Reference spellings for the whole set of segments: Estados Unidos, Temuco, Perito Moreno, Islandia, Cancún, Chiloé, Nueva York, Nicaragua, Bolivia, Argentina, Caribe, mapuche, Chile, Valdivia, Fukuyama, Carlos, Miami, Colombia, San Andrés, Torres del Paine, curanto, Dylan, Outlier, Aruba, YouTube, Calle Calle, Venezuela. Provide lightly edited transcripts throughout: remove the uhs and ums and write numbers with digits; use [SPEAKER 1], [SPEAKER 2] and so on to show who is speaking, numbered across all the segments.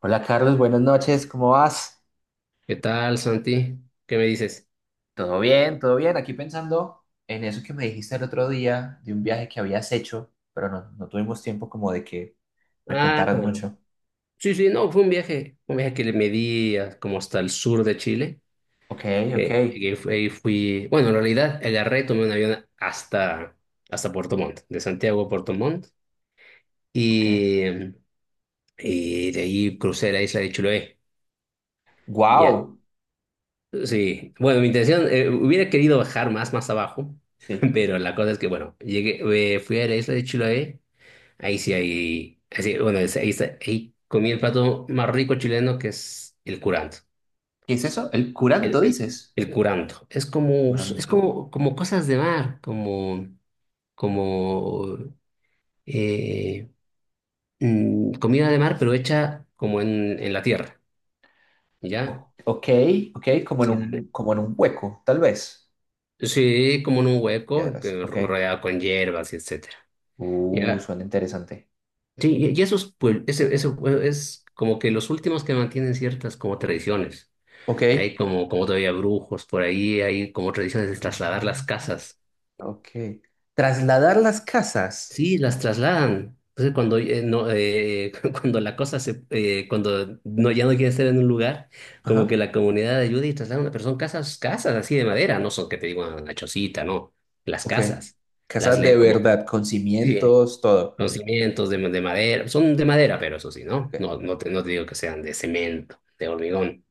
[SPEAKER 1] Hola Carlos, buenas noches, ¿cómo vas?
[SPEAKER 2] ¿Qué tal, Santi? ¿Qué me dices?
[SPEAKER 1] Todo bien, todo bien. Aquí pensando en eso que me dijiste el otro día de un viaje que habías hecho, pero no, no tuvimos tiempo como de que me
[SPEAKER 2] Ah,
[SPEAKER 1] contaras mucho.
[SPEAKER 2] sí, sí, no, fue un viaje que le medí como hasta el sur de Chile,
[SPEAKER 1] Ok, ok,
[SPEAKER 2] que ahí fui, bueno, en realidad agarré, tomé un avión hasta Puerto Montt, de Santiago a Puerto Montt,
[SPEAKER 1] ok.
[SPEAKER 2] y, y de ahí crucé la isla de Chiloé. Ya,
[SPEAKER 1] ¡Wow!
[SPEAKER 2] sí, bueno, mi intención, hubiera querido bajar más, más abajo.
[SPEAKER 1] Sí.
[SPEAKER 2] Pero la cosa es que, bueno, llegué, fui a la isla de Chiloé. Ahí sí hay, así, bueno, ahí, ahí comí el plato más rico chileno, que es el curanto.
[SPEAKER 1] ¿Qué es eso? El
[SPEAKER 2] El,
[SPEAKER 1] curanto,
[SPEAKER 2] el,
[SPEAKER 1] dices.
[SPEAKER 2] el curanto.
[SPEAKER 1] Curanto.
[SPEAKER 2] Como cosas de mar, como eh, comida de mar, pero hecha como en la tierra, ¿ya?
[SPEAKER 1] Ok, ok,
[SPEAKER 2] Sí, dale.
[SPEAKER 1] como en un hueco, tal vez.
[SPEAKER 2] Sí, como en un hueco,
[SPEAKER 1] Piedras,
[SPEAKER 2] que
[SPEAKER 1] ok.
[SPEAKER 2] rodeado con hierbas y etcétera. ¿Ya?
[SPEAKER 1] Suena interesante.
[SPEAKER 2] Sí, y esos, pues, ese, pues, es como que los últimos que mantienen ciertas como tradiciones.
[SPEAKER 1] Ok.
[SPEAKER 2] Hay como, todavía brujos por ahí, hay como tradiciones de
[SPEAKER 1] Ah,
[SPEAKER 2] trasladar las casas.
[SPEAKER 1] ok. Trasladar las casas.
[SPEAKER 2] Sí, las trasladan. Entonces, cuando, no, cuando la cosa se, cuando no, ya no quiere estar en un lugar, como que
[SPEAKER 1] Ajá.
[SPEAKER 2] la comunidad ayuda y traslada a una persona casas, casas así de madera, no son que te digo una chocita, no, las
[SPEAKER 1] Ok.
[SPEAKER 2] casas,
[SPEAKER 1] Casa de
[SPEAKER 2] como,
[SPEAKER 1] verdad, con
[SPEAKER 2] sí,
[SPEAKER 1] cimientos, todo.
[SPEAKER 2] los cimientos de madera, son de madera, pero eso sí,
[SPEAKER 1] Ok.
[SPEAKER 2] ¿no? No, no te digo que sean de cemento, de hormigón.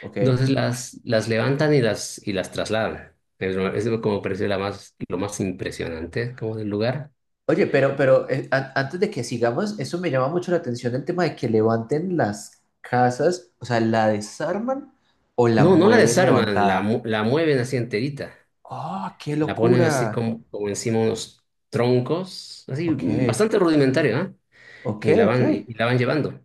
[SPEAKER 1] Ok.
[SPEAKER 2] Entonces las levantan y las trasladan. Es lo como pareció la más, lo más impresionante como del lugar.
[SPEAKER 1] Oye, pero antes de que sigamos, eso me llama mucho la atención el tema de que levanten las casas, o sea, la desarman o la
[SPEAKER 2] No, no la
[SPEAKER 1] mueven
[SPEAKER 2] desarman,
[SPEAKER 1] levantada.
[SPEAKER 2] la mueven así enterita.
[SPEAKER 1] ¡Oh, qué
[SPEAKER 2] La ponen así
[SPEAKER 1] locura!
[SPEAKER 2] como, encima unos troncos, así
[SPEAKER 1] Ok,
[SPEAKER 2] bastante rudimentario, ¿ah?
[SPEAKER 1] ok,
[SPEAKER 2] Y la
[SPEAKER 1] ok.
[SPEAKER 2] van, y, la van llevando.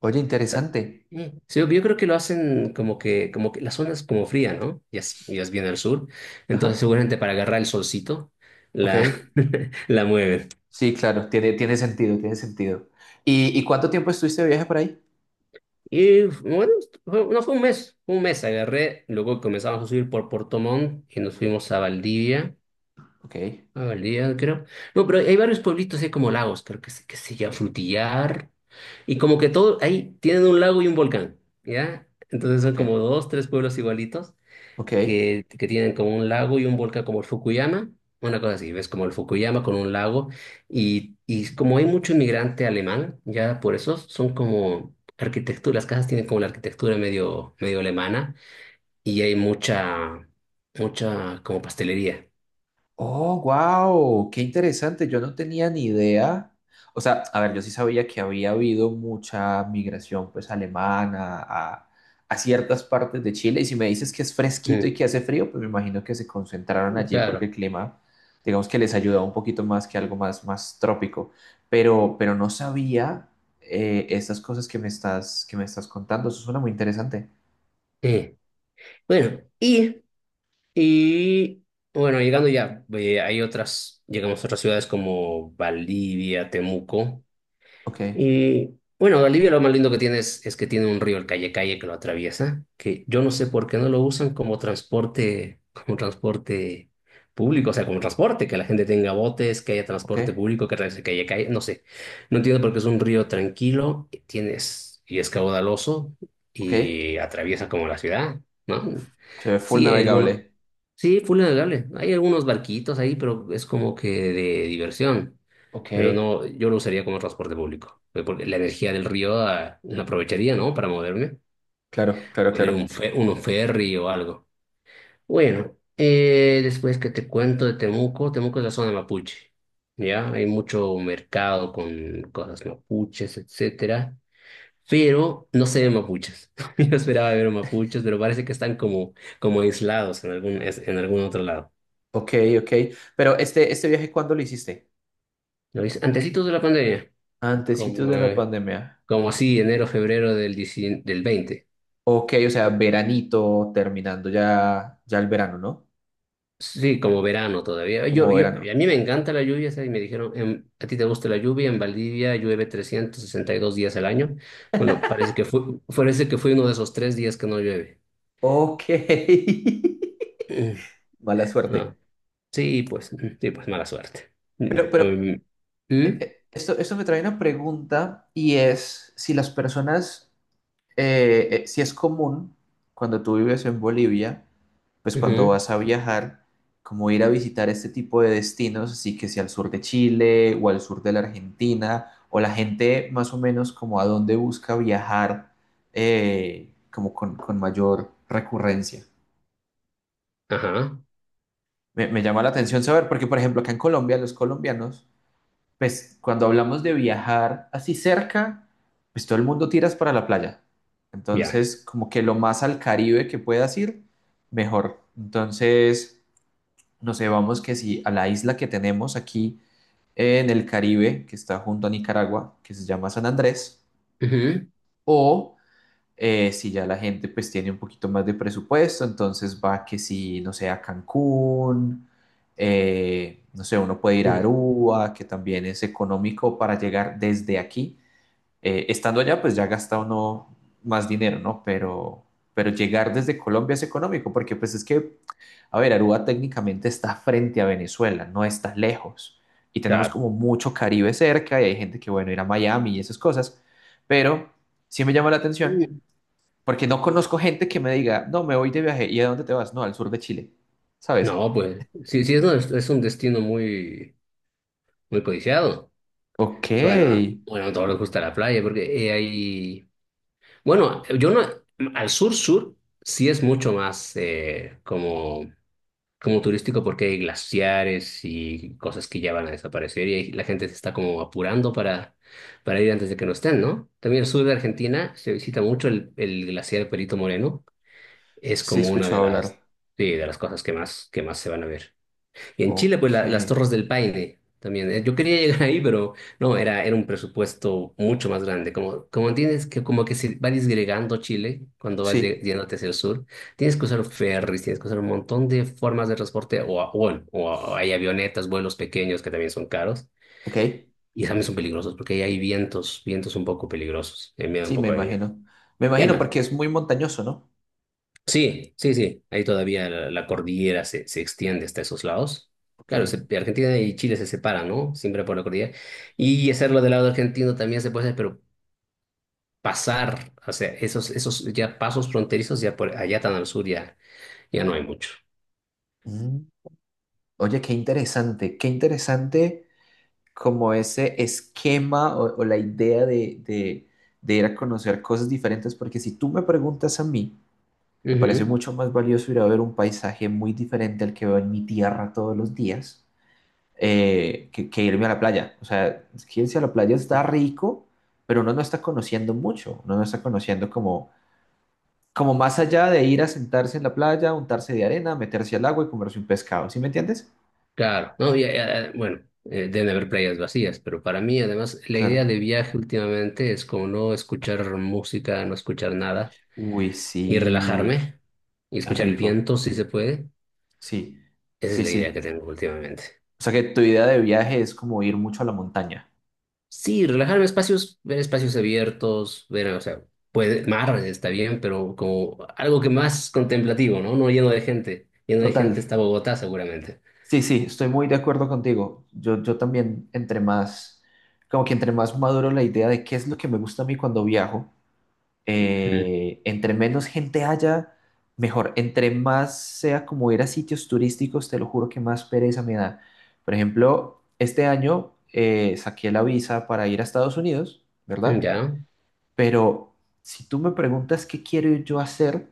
[SPEAKER 1] Oye, interesante.
[SPEAKER 2] Mm. Sí, yo creo que lo hacen como que, la zona es como fría, ¿no? Ya es bien al sur. Entonces
[SPEAKER 1] Ajá.
[SPEAKER 2] seguramente para agarrar el solcito, la,
[SPEAKER 1] Ok.
[SPEAKER 2] la mueven.
[SPEAKER 1] Sí, claro, tiene sentido, tiene sentido. Y cuánto tiempo estuviste de viaje por ahí?
[SPEAKER 2] Y bueno, no fue un mes, fue un mes agarré, luego comenzamos a subir por Puerto Montt y nos fuimos
[SPEAKER 1] Ok,
[SPEAKER 2] a Valdivia creo. No, pero hay varios pueblitos, hay como lagos, creo que se, llama Frutillar, y como que todo, ahí tienen un lago y un volcán, ¿ya? Entonces son
[SPEAKER 1] ok,
[SPEAKER 2] como dos, tres pueblos igualitos,
[SPEAKER 1] ok.
[SPEAKER 2] que, tienen como un lago y un volcán como el Fukuyama, una cosa así, ves como el Fukuyama con un lago y, como hay mucho inmigrante alemán, ya por eso son como arquitectura, las casas tienen como la arquitectura medio, medio alemana y hay mucha, mucha como pastelería.
[SPEAKER 1] Oh, wow, qué interesante. Yo no tenía ni idea. O sea, a ver, yo sí sabía que había habido mucha migración, pues, alemana a ciertas partes de Chile. Y si me dices que es fresquito
[SPEAKER 2] Mm,
[SPEAKER 1] y que hace frío, pues me imagino que se concentraron allí porque
[SPEAKER 2] claro.
[SPEAKER 1] el clima, digamos que les ayudaba un poquito más que algo más, más trópico. Pero no sabía estas cosas que me estás, contando. Eso suena muy interesante.
[SPEAKER 2] Eh, Bueno, y, y bueno, llegando ya, hay otras, llegamos a otras ciudades como Valdivia, Temuco.
[SPEAKER 1] Ok,
[SPEAKER 2] Y bueno, Bolivia lo más lindo que tiene es que tiene un río, el Calle Calle, que lo atraviesa, que yo no sé por qué no lo usan como transporte público, o sea, como transporte, que la gente tenga botes, que haya
[SPEAKER 1] ok,
[SPEAKER 2] transporte público, que atraviese el Calle Calle, no sé. No entiendo por qué es un río tranquilo, y tienes, y es caudaloso,
[SPEAKER 1] ok.
[SPEAKER 2] y atraviesa como la ciudad, ¿no?
[SPEAKER 1] Se ve full
[SPEAKER 2] Sí, hay
[SPEAKER 1] navegable.
[SPEAKER 2] sí, full navegable. Hay algunos barquitos ahí, pero es como que de diversión.
[SPEAKER 1] Ok,
[SPEAKER 2] Pero no, yo lo usaría como transporte público, pues, porque la energía del río ah, la aprovecharía, ¿no? Para moverme,
[SPEAKER 1] claro, claro,
[SPEAKER 2] pondría un,
[SPEAKER 1] claro.
[SPEAKER 2] un ferry o algo. Bueno, después que te cuento de Temuco. Temuco es la zona mapuche, ¿ya? Hay mucho mercado con cosas mapuches, etcétera, pero no se ven mapuches. Yo esperaba ver mapuches, pero parece que están como, como aislados en algún, en algún otro lado.
[SPEAKER 1] Ok, ok. Pero este viaje, ¿cuándo lo hiciste?
[SPEAKER 2] ¿Lo ves? Antecitos de la pandemia,
[SPEAKER 1] Antecitos
[SPEAKER 2] como,
[SPEAKER 1] de la pandemia.
[SPEAKER 2] como así, enero, febrero del, 19 del 20.
[SPEAKER 1] Ok, o sea, veranito, terminando ya, el verano, ¿no?
[SPEAKER 2] Sí, como verano todavía. Yo,
[SPEAKER 1] Como
[SPEAKER 2] yo,
[SPEAKER 1] verano.
[SPEAKER 2] a mí me encanta la lluvia, ¿sabes? Y me dijeron, ¿a ti te gusta la lluvia? En Valdivia llueve 362 días al año. Bueno, parece que fue uno de esos tres días que no llueve.
[SPEAKER 1] Ok.
[SPEAKER 2] Mm.
[SPEAKER 1] Mala suerte.
[SPEAKER 2] No, sí, pues, sí, pues mala suerte. Mm,
[SPEAKER 1] Pero, pero,
[SPEAKER 2] mm,
[SPEAKER 1] esto me trae una pregunta y es si las personas si es común cuando tú vives en Bolivia, pues cuando
[SPEAKER 2] ujú,
[SPEAKER 1] vas a viajar, como ir a visitar este tipo de destinos, así que si al sur de Chile o al sur de la Argentina, o la gente más o menos como a dónde busca viajar como con mayor recurrencia.
[SPEAKER 2] ajá,
[SPEAKER 1] Me llama la atención saber, porque por ejemplo acá en Colombia los colombianos pues cuando hablamos de viajar así cerca, pues todo el mundo tiras para la playa.
[SPEAKER 2] ya.
[SPEAKER 1] Entonces, como que lo más al Caribe que puedas ir, mejor. Entonces, no sé, vamos que si a la isla que tenemos aquí en el Caribe, que está junto a Nicaragua, que se llama San Andrés,
[SPEAKER 2] Ujú,
[SPEAKER 1] o si ya la gente pues tiene un poquito más de presupuesto, entonces va que si, no sé, a Cancún, no sé, uno puede ir a
[SPEAKER 2] sí,
[SPEAKER 1] Aruba, que también es económico para llegar desde aquí. Estando allá, pues ya gasta uno más dinero, ¿no? pero llegar desde Colombia es económico, porque pues es que, a ver, Aruba técnicamente está frente a Venezuela, no está lejos. Y tenemos
[SPEAKER 2] claro.
[SPEAKER 1] como mucho Caribe cerca y hay gente que, bueno, ir a Miami y esas cosas, pero sí me llama la atención
[SPEAKER 2] Mm.
[SPEAKER 1] porque no conozco gente que me diga, no, me voy de viaje. ¿Y a dónde te vas? No, al sur de Chile. ¿Sabes?
[SPEAKER 2] No, pues, sí, sí, es, es un destino muy, muy codiciado.
[SPEAKER 1] Ok.
[SPEAKER 2] Bueno, bueno, a todos les gusta la playa porque hay... Bueno, yo no, al sur-sur sí es mucho más como, como turístico porque hay glaciares y cosas que ya van a desaparecer y ahí la gente se está como apurando para, ir antes de que no estén, ¿no? También el sur de Argentina se visita mucho el glaciar Perito Moreno, es
[SPEAKER 1] Sí, he
[SPEAKER 2] como una de
[SPEAKER 1] escuchado hablar.
[SPEAKER 2] las, sí, de las cosas que más se van a ver. Y en Chile, pues
[SPEAKER 1] Ok.
[SPEAKER 2] las Torres del Paine también. Yo quería llegar ahí, pero no, era un presupuesto mucho más grande. Como, como tienes que, como que se va disgregando Chile cuando vas
[SPEAKER 1] Sí,
[SPEAKER 2] yéndote hacia el sur, tienes que usar ferries, tienes que usar un montón de formas de transporte, o, bueno, o hay avionetas, vuelos pequeños que también son caros,
[SPEAKER 1] ok.
[SPEAKER 2] y también son peligrosos, porque ahí hay vientos, vientos un poco peligrosos, me da un
[SPEAKER 1] Sí, me
[SPEAKER 2] poco de miedo.
[SPEAKER 1] imagino. Me
[SPEAKER 2] Y
[SPEAKER 1] imagino
[SPEAKER 2] además,
[SPEAKER 1] porque es muy montañoso, ¿no?
[SPEAKER 2] sí, sí, sí. Ahí todavía la cordillera se extiende hasta esos lados. Claro,
[SPEAKER 1] Ok.
[SPEAKER 2] Argentina y Chile se separan, ¿no? Siempre por la cordillera. Y hacerlo del lado argentino también se puede hacer, pero pasar, o sea, esos, ya pasos fronterizos, ya por allá tan al sur ya, ya no hay mucho.
[SPEAKER 1] Mm. Oye, qué interesante. Qué interesante como ese esquema o la idea de ir a conocer cosas diferentes. Porque si tú me preguntas a mí, me parece
[SPEAKER 2] Ujú.
[SPEAKER 1] mucho más valioso ir a ver un paisaje muy diferente al que veo en mi tierra todos los días que, irme a la playa. O sea, es que irse a la playa está rico, pero uno no está conociendo mucho, uno no está conociendo como más allá de ir a sentarse en la playa, untarse de arena, meterse al agua y comerse un pescado, ¿sí me entiendes?
[SPEAKER 2] Claro, no, ya, bueno, deben haber playas vacías, pero para mí además la idea
[SPEAKER 1] Claro.
[SPEAKER 2] de viaje últimamente es como no escuchar música, no escuchar nada
[SPEAKER 1] Uy,
[SPEAKER 2] y
[SPEAKER 1] sí,
[SPEAKER 2] relajarme y
[SPEAKER 1] qué
[SPEAKER 2] escuchar el
[SPEAKER 1] rico.
[SPEAKER 2] viento si se puede.
[SPEAKER 1] Sí,
[SPEAKER 2] Esa es
[SPEAKER 1] sí,
[SPEAKER 2] la idea que
[SPEAKER 1] sí.
[SPEAKER 2] tengo últimamente.
[SPEAKER 1] O sea que tu idea de viaje es como ir mucho a la montaña.
[SPEAKER 2] Sí, relajarme en espacios, ver espacios abiertos, ver, o sea, puede, mar está bien, pero como algo que más contemplativo, ¿no? No lleno de gente. Lleno de
[SPEAKER 1] Total.
[SPEAKER 2] gente está Bogotá, seguramente.
[SPEAKER 1] Sí, sí, estoy muy de acuerdo contigo. Yo también, como que entre más maduro la idea de qué es lo que me gusta a mí cuando viajo,
[SPEAKER 2] Mm.
[SPEAKER 1] entre menos gente haya, mejor. Entre más sea como ir a sitios turísticos, te lo juro que más pereza me da. Por ejemplo, este año saqué la visa para ir a Estados Unidos, ¿verdad?
[SPEAKER 2] ¿Ya?
[SPEAKER 1] Pero si tú me preguntas qué quiero yo hacer,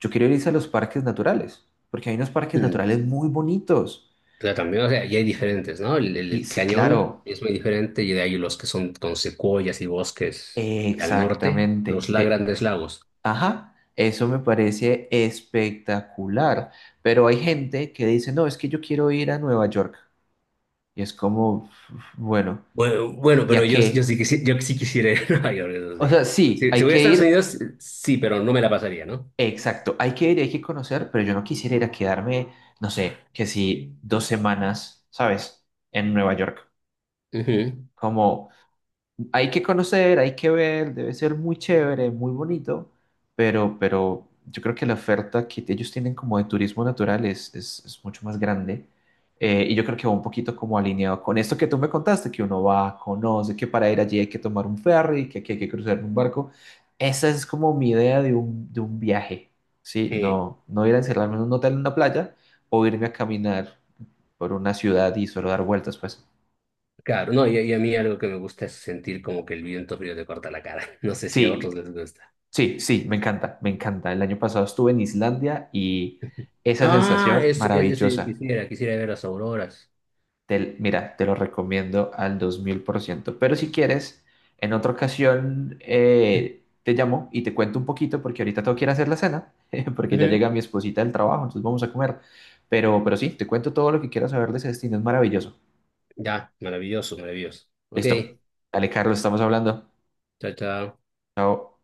[SPEAKER 1] yo quiero ir a los parques naturales, porque hay unos parques
[SPEAKER 2] Mm.
[SPEAKER 1] naturales muy bonitos.
[SPEAKER 2] Pero también, o sea, y hay diferentes, ¿no? El,
[SPEAKER 1] Y
[SPEAKER 2] el
[SPEAKER 1] sí,
[SPEAKER 2] cañón
[SPEAKER 1] claro,
[SPEAKER 2] es muy diferente y de ahí los que son con secuoyas y bosques al norte, los
[SPEAKER 1] exactamente.
[SPEAKER 2] la grandes lagos.
[SPEAKER 1] Ajá, eso me parece espectacular. Pero hay gente que dice, no, es que yo quiero ir a Nueva York. Y es como, bueno,
[SPEAKER 2] Bueno, bueno, pero
[SPEAKER 1] ¿ya qué?
[SPEAKER 2] yo sí quisiera ir a Nueva York, eso
[SPEAKER 1] O
[SPEAKER 2] sí.
[SPEAKER 1] sea, sí,
[SPEAKER 2] Si,
[SPEAKER 1] hay
[SPEAKER 2] voy a
[SPEAKER 1] que
[SPEAKER 2] Estados
[SPEAKER 1] ir,
[SPEAKER 2] Unidos, sí, pero no me la pasaría, ¿no?
[SPEAKER 1] exacto, hay que ir y hay que conocer, pero yo no quisiera ir a quedarme, no sé, que si 2 semanas, ¿sabes? En Nueva York.
[SPEAKER 2] Ujú.
[SPEAKER 1] Como, hay que conocer, hay que ver, debe ser muy chévere, muy bonito, pero yo creo que la oferta que ellos tienen como de turismo natural es, mucho más grande. Y yo creo que va un poquito como alineado con esto que tú me contaste, que uno va, conoce, que para ir allí hay que tomar un ferry, que aquí hay que cruzar un barco. Esa es como mi idea de un viaje, ¿sí?
[SPEAKER 2] Eh,
[SPEAKER 1] No, no ir a encerrarme en un hotel en una playa o irme a caminar por una ciudad y solo dar vueltas, pues.
[SPEAKER 2] claro, no, y a mí algo que me gusta es sentir como que el viento frío te corta la cara. No sé si a otros
[SPEAKER 1] Sí,
[SPEAKER 2] les gusta.
[SPEAKER 1] sí, sí, me encanta, me encanta. El año pasado estuve en Islandia y esa
[SPEAKER 2] Ah,
[SPEAKER 1] sensación
[SPEAKER 2] es, eso yo
[SPEAKER 1] maravillosa.
[SPEAKER 2] quisiera, quisiera ver las auroras.
[SPEAKER 1] Mira, te lo recomiendo al 2000%. Pero si quieres, en otra ocasión te llamo y te cuento un poquito porque ahorita tengo que ir a hacer la cena, porque ya
[SPEAKER 2] Ujú.
[SPEAKER 1] llega mi esposita del trabajo, entonces vamos a comer. Pero sí, te cuento todo lo que quieras saber de ese destino, es maravilloso.
[SPEAKER 2] Ya, maravilloso, maravilloso. Ok,
[SPEAKER 1] Listo. Dale, Carlos, estamos hablando.
[SPEAKER 2] chao, chao.
[SPEAKER 1] Chao.